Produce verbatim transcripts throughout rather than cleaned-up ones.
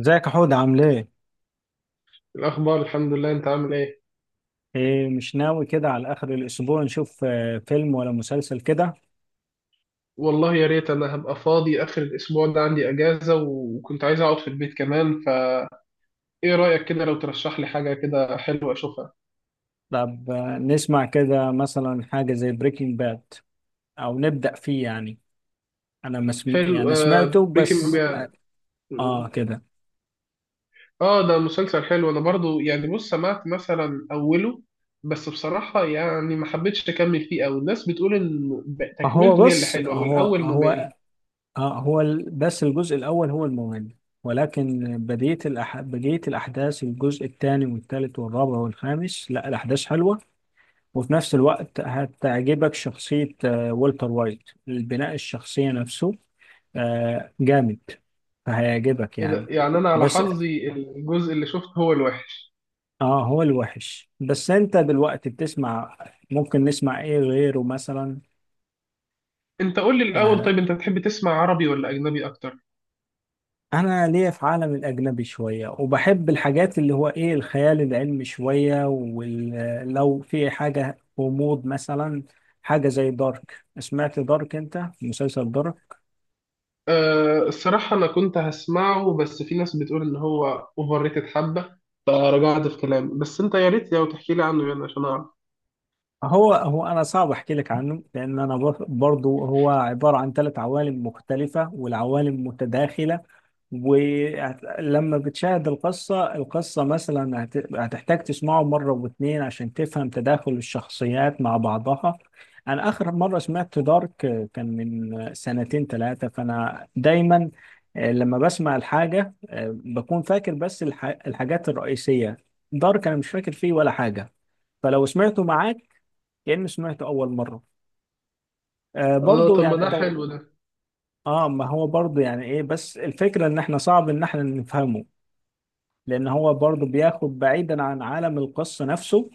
ازيك يا حود، عامل ايه؟ الأخبار الحمد لله، أنت عامل إيه؟ ايه، مش ناوي كده على اخر الاسبوع نشوف آه، فيلم ولا مسلسل كده؟ والله يا ريت أنا هبقى فاضي آخر الأسبوع ده، عندي أجازة وكنت عايز أقعد في البيت كمان، فإيه رأيك كده لو ترشح لي حاجة كده حلوة أشوفها؟ طب آه، نسمع كده مثلا حاجة زي بريكنج باد، او نبدأ فيه يعني. انا ما سم... حلو، يعني سمعته آه بريكنج بس اه باد. آه، آه، كده. آه، ده مسلسل حلو. أنا برضو يعني، بص، سمعت مثلا أوله بس بصراحة يعني ما حبيتش أكمل فيه أوي، الناس بتقول إن هو تكملته هي اللي بص، حلوة هو والأول هو ممل. آه هو ال- بس الجزء الاول هو المهم، ولكن بديت الأح... بديت الاحداث الجزء الثاني والثالث والرابع والخامس. لا، الاحداث حلوة، وفي نفس الوقت هتعجبك شخصية آه، والتر وايت. البناء الشخصية نفسه آه، جامد، فهيعجبك إيه ده؟ يعني. يعني أنا على بس حظي الجزء اللي شفته هو الوحش. اه، هو الوحش. بس انت دلوقتي بتسمع، ممكن نسمع ايه غيره مثلا؟ أنت قول لي الأول، آه، طيب أنت تحب تسمع عربي ولا أجنبي أكتر؟ انا ليا في عالم الاجنبي شوية، وبحب الحاجات اللي هو ايه الخيال العلمي شوية، ولو في حاجة غموض مثلا، حاجة زي دارك. سمعت دارك؟ انت مسلسل دارك؟ أه، الصراحة أنا كنت هسمعه بس في ناس بتقول إن هو أوفر ريتد حبة، فرجعت في كلامي، بس أنت يا ريت لو تحكي لي عنه يعني عشان أعرف. هو هو انا صعب احكي لك عنه، لان انا بر- برضو هو عباره عن ثلاث عوالم مختلفه والعوالم متداخله. ولما بتشاهد القصه القصه مثلا هت- هتحتاج تسمعه مره واثنين عشان تفهم تداخل الشخصيات مع بعضها. انا اخر مره سمعت دارك كان من سنتين ثلاثه، فانا دايما آه، لما بسمع الحاجه آه، بكون فاكر بس الح- الحاجات الرئيسيه. دارك انا مش فاكر فيه ولا حاجه، فلو سمعته معاك كأني سمعته أول مرة. آه، آه برضو طب، ما يعني ده طب أنت. حلو ده. آه، ما هو برضو يعني إيه، بس الفكرة إن إحنا صعب إن إحنا نفهمه، لأن هو برضو بياخد بعيدا عن عالم القصة نفسه.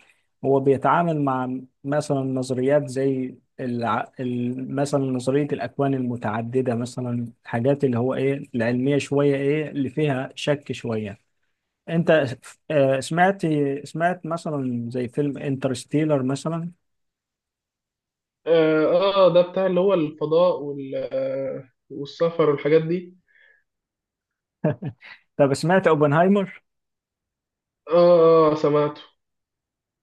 هو بيتعامل مع مثلا نظريات زي الع... ال- مثلا نظرية الأكوان المتعددة، مثلا حاجات اللي هو إيه العلمية شوية، إيه اللي فيها شك شوية. أنت آه سمعت سمعت مثلا زي فيلم انترستيلر مثلا؟ آه، آه ده بتاع اللي هو الفضاء وال... والسفر والحاجات دي. طب سمعت اوبنهايمر؟ آه، آه سمعته.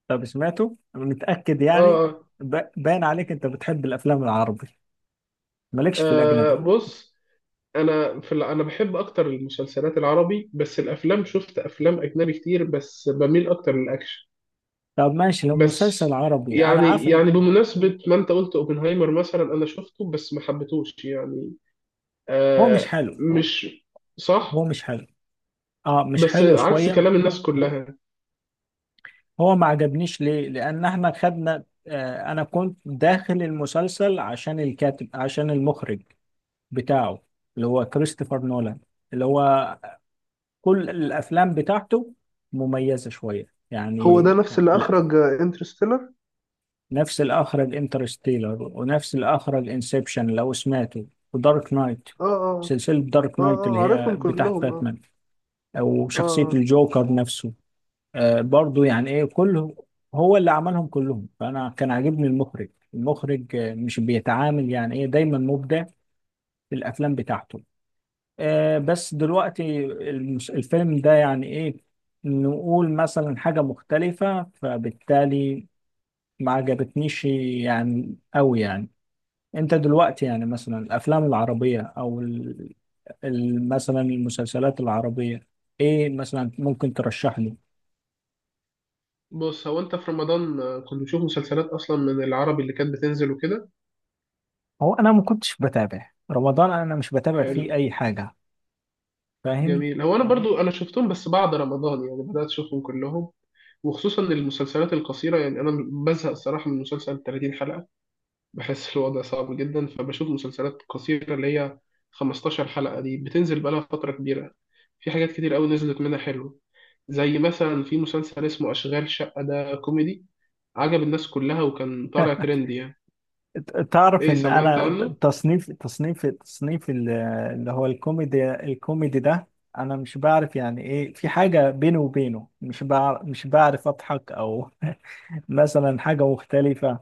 طب سمعته انا متاكد يعني. آه. ب- باين عليك انت بتحب الافلام العربي، مالكش في آه، آه، الاجنبي. بص، أنا في ال... أنا بحب أكتر المسلسلات العربي، بس الأفلام شفت أفلام أجنبي كتير بس بميل أكتر للأكشن. طب ماشي، لو بس مسلسل عربي انا عارف يعني ان يعني بمناسبة ما انت قلت اوبنهايمر مثلا انا شفته بس ما حبيتهوش يعني. هو مش آه، حلو. مش هو صح، مش حلو، اه مش بس حلو عكس شويه. كلام الناس كلها. هو ما عجبنيش ليه؟ لان احنا خدنا آه انا كنت داخل المسلسل عشان الكاتب، عشان المخرج بتاعه، اللي هو كريستوفر نولان، اللي هو كل الافلام بتاعته مميزه شويه هو يعني. ده نفس اللي اخرج انترستيلر. نفس اللي أخرج انترستيلر ونفس اللي أخرج انسبشن لو سمعته، ودارك نايت. اه، اه، سلسلة دارك اه، نايت اللي اه هي عارفهم بتاعت كلهم، اه. باتمان، أو اه، شخصية آه. الجوكر نفسه. آه، برضو يعني إيه، كله هو اللي عملهم كلهم. فأنا كان عاجبني المخرج المخرج آه، مش بيتعامل يعني إيه، دايما مبدع في الأفلام بتاعته. آه، بس دلوقتي المس- الفيلم ده يعني إيه، نقول مثلا حاجة مختلفة، فبالتالي ما عجبتنيش يعني أوي يعني. انت دلوقتي يعني مثلا الافلام العربيه، او ال- ال- مثلا المسلسلات العربيه، ايه مثلا ممكن ترشح لي؟ بص، هو انت في رمضان آه، كنت بتشوف مسلسلات اصلا من العربي اللي كانت بتنزل وكده؟ هو انا ما كنتش بتابع رمضان، انا مش بتابع حلو، فيه اي حاجه. فاهم؟ جميل. هو انا برضو انا شفتهم بس بعد رمضان، يعني بدات اشوفهم كلهم وخصوصا المسلسلات القصيره. يعني انا بزهق الصراحه من مسلسل ثلاثين حلقه، بحس الوضع صعب جدا، فبشوف مسلسلات قصيره اللي هي خمستاشر حلقه، دي بتنزل بقالها فتره كبيره. في حاجات كتير قوي نزلت منها حلوه، زي مثلا في مسلسل اسمه اشغال شقه، ده كوميدي عجب الناس كلها وكان طالع ترند يعني. تعرف ايه، ان سمعت انا عنه؟ تصنيف تصنيف تصنيف ال- اللي هو الكوميدي الكوميدي ده انا مش بعرف يعني ايه، في حاجه بيني وبينه، مش بعرف مش بعرف اضحك او مثلا حاجه مختلفه.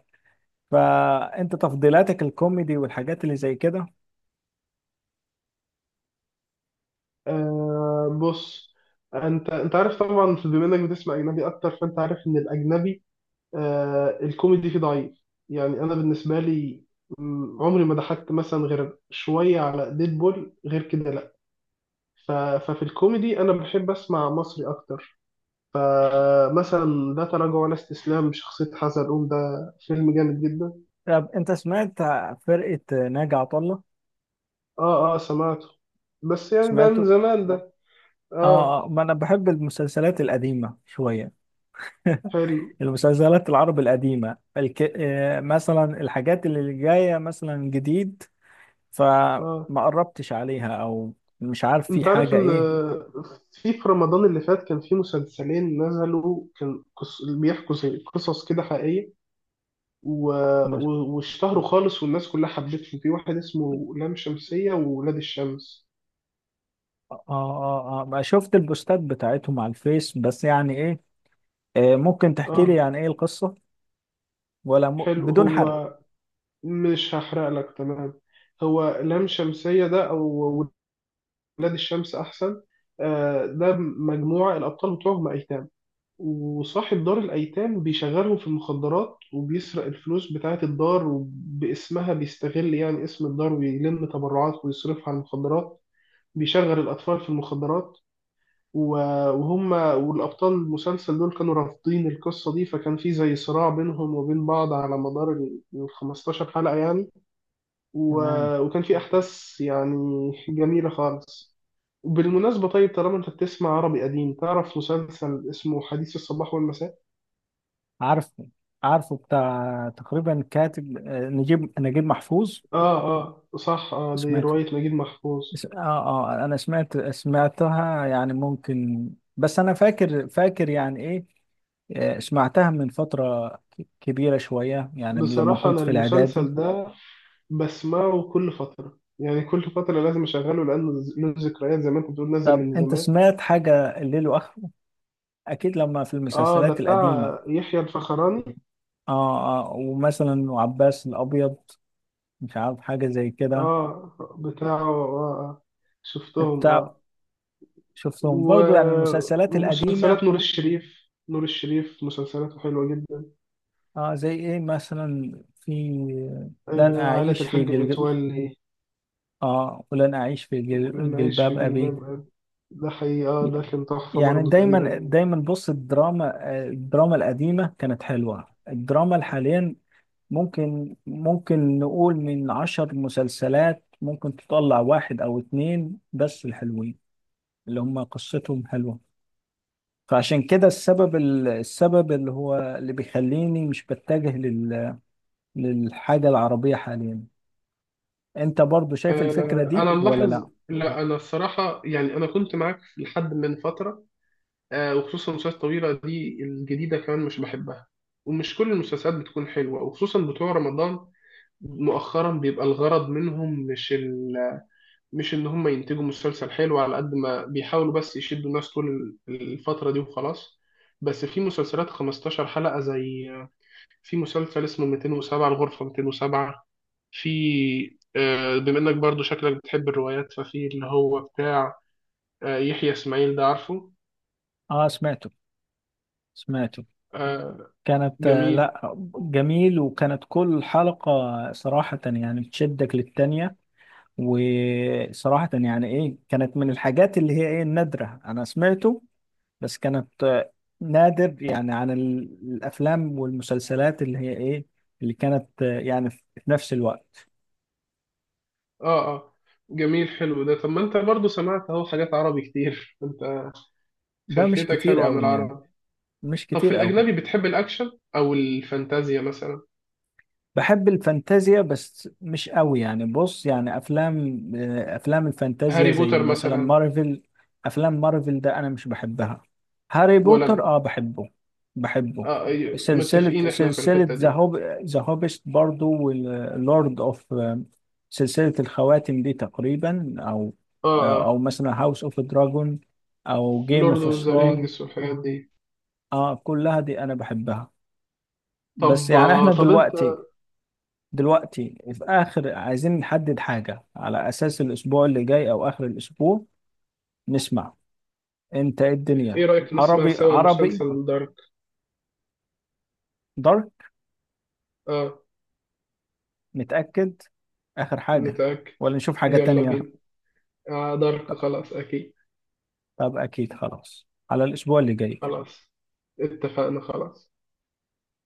فانت تفضيلاتك الكوميدي والحاجات اللي زي كده؟ آه بص، انت انت عارف طبعا بما انك بتسمع اجنبي اكتر، فانت عارف ان الاجنبي، آه الكوميدي فيه ضعيف. يعني انا بالنسبه لي، م، عمري ما ضحكت مثلا غير شويه على ديدبول، غير كده لا. ف- ففي الكوميدي انا بحب اسمع مصري اكتر. فمثلا ده تراجع ولا استسلام، بشخصيه حسن قوم، ده فيلم جامد جدا. طب انت سمعت فرقة ناجي عطا الله؟ اه، اه سمعته، بس يعني ده من سمعته زمان ده. اه. اه. آه، ما انا بحب المسلسلات القديمة شوية. حلو. المسلسلات العربي القديمة الك... آه، مثلا الحاجات اللي جاية مثلا جديد، فما اه قربتش عليها، او مش عارف في انت عارف حاجة ان ايه. في في رمضان اللي فات كان في مسلسلين نزلوا، كان قص... بيحكوا زي قصص كده حقيقيه و... مش... و... واشتهروا خالص والناس كلها حبته، في واحد اسمه لام شمسية وولاد الشمس. اه اه اه، ما شفت البوستات بتاعتهم على الفيس، بس يعني ايه، آه، ممكن تحكي لي اه. يعني ايه القصة، ولا م... حلو، بدون حرق؟ هو مش هحرق لك، تمام. هو لام شمسية ده أو ولاد الشمس أحسن؟ آه، ده مجموعة الأبطال بتوعهم أيتام، وصاحب دار الأيتام بيشغلهم في المخدرات وبيسرق الفلوس بتاعة الدار، وباسمها بيستغل يعني اسم الدار ويلم تبرعات ويصرفها على المخدرات، بيشغل الأطفال في المخدرات. و- وهم والأبطال المسلسل دول كانوا رافضين القصة دي، فكان في زي صراع بينهم وبين بعض على مدار ال ال خمستاشر حلقة يعني. تمام. و- وكان في أحداث يعني جميلة خالص. بالمناسبة طيب، طالما أنت بتسمع عربي قديم، تعرف مسلسل اسمه حديث الصباح والمساء؟ عارفه، عارفه بتاع تقريبا كاتب آه، نجيب، نجيب محفوظ. آه، آه صح، آه دي سمعته. رواية نجيب محفوظ. اس- اه، اه انا سمعت، سمعتها يعني ممكن. بس انا فاكر، فاكر يعني ايه، آه، سمعتها من فترة ك- كبيرة شوية، يعني من لما بصراحة كنت أنا في الاعدادي. المسلسل ده بسمعه كل فترة، يعني كل فترة لازم أشغله لأنه له ذكريات، زي ما أنت بتقول نازل طب من انت زمان. سمعت حاجة الليل واخره؟ اكيد، لما في اه، ده المسلسلات القديمة. بتاع يحيى الفخراني. اه اه، ومثلا وعباس الابيض، مش عارف، حاجة زي كده. اه بتاعه. آه، اه، انت شفتهم، اه. شفتهم و... برضو يعني المسلسلات القديمة. ومسلسلات نور الشريف، نور الشريف مسلسلاته حلوة جدا. اه زي ايه مثلا؟ في لن آه عائلة اعيش في الحاج جلجل... متولي. اه، ولن اعيش في ولن جل... أعيش في جلباب ابي. جلباب أبي، ده حقيقي اه، ده كان تحفة يعني برضه دايما تقريبا. دايما بص، الدراما الدراما القديمة كانت حلوة. الدراما الحاليا ممكن ممكن نقول من عشر مسلسلات ممكن تطلع واحد او اتنين بس الحلوين، اللي هم قصتهم حلوة. فعشان كده السبب ال- السبب اللي هو اللي بيخليني مش بتجه لل... للحاجة العربية حاليا. انت برضو شايف الفكرة آه دي أنا ولا ملاحظ، لا؟ لا أنا الصراحة يعني أنا كنت معاك لحد من فترة، آه، وخصوصا المسلسلات الطويلة دي الجديدة كمان مش بحبها. ومش كل المسلسلات بتكون حلوة وخصوصا بتوع رمضان مؤخرا، بيبقى الغرض منهم مش ال... مش ان هم ينتجوا مسلسل حلو على قد ما بيحاولوا، بس يشدوا الناس طول ال- الفترة دي وخلاص. بس في مسلسلات خمستاشر حلقة، زي في مسلسل اسمه مئتين وسبعة، الغرفة مئتين وسبعة. في آه، بما انك برضو شكلك بتحب الروايات، ففي اللي هو بتاع آه، يحيى اسماعيل، ده عارفه؟ اه سمعته، سمعته آه، كانت آه، جميل. لا، جميل. وكانت كل حلقة صراحة يعني تشدك للتانية. وصراحة يعني ايه، كانت من الحاجات اللي هي ايه النادرة. انا سمعته، بس كانت آه، نادر، يعني عن ال- الافلام والمسلسلات اللي هي ايه، اللي كانت آه، يعني في في نفس الوقت. اه، اه جميل. حلو ده، طب ما انت برضو سمعت اهو حاجات عربي كتير انت ده مش خلفيتك كتير حلوة عن قوي يعني، العرب. مش طب في كتير قوي الأجنبي بتحب الأكشن أو الفانتازيا مثلا؟ بحب الفانتازيا بس مش قوي يعني. بص، يعني افلام آه، افلام الفانتازيا هاري زي بوتر مثلا مثلا. مارفل. افلام مارفل ده انا مش بحبها. هاري ولا بوتر أنا؟ اه بحبه، بحبه آه، أي- سلسلة متفقين إحنا في سلسلة الحتة ذا دي. هوب، ذا هوبست برضو، واللورد اوف، سلسلة الخواتم دي تقريبا، او آه، او آه مثلا هاوس اوف دراجون، او جيم لورد اوف أوف ذا ثرون. رينجز والحاجات دي. اه كلها دي انا بحبها. بس طب يعني آه احنا طب أنت، دلوقتي، دلوقتي في آخر، عايزين نحدد حاجة على أساس الأسبوع اللي جاي أو آخر الأسبوع نسمع. أنت إيه إيه الدنيا؟ رأيك نسمع عربي، سوا عربي، مسلسل دارك؟ دارك؟ آه، نتأكد آخر حاجة متأكد. ولا نشوف حاجة يلا تانية؟ بينا. آه دارك، خلاص أكيد. طب أكيد، خلاص على الأسبوع اللي جاي. خلاص اتفقنا، خلاص.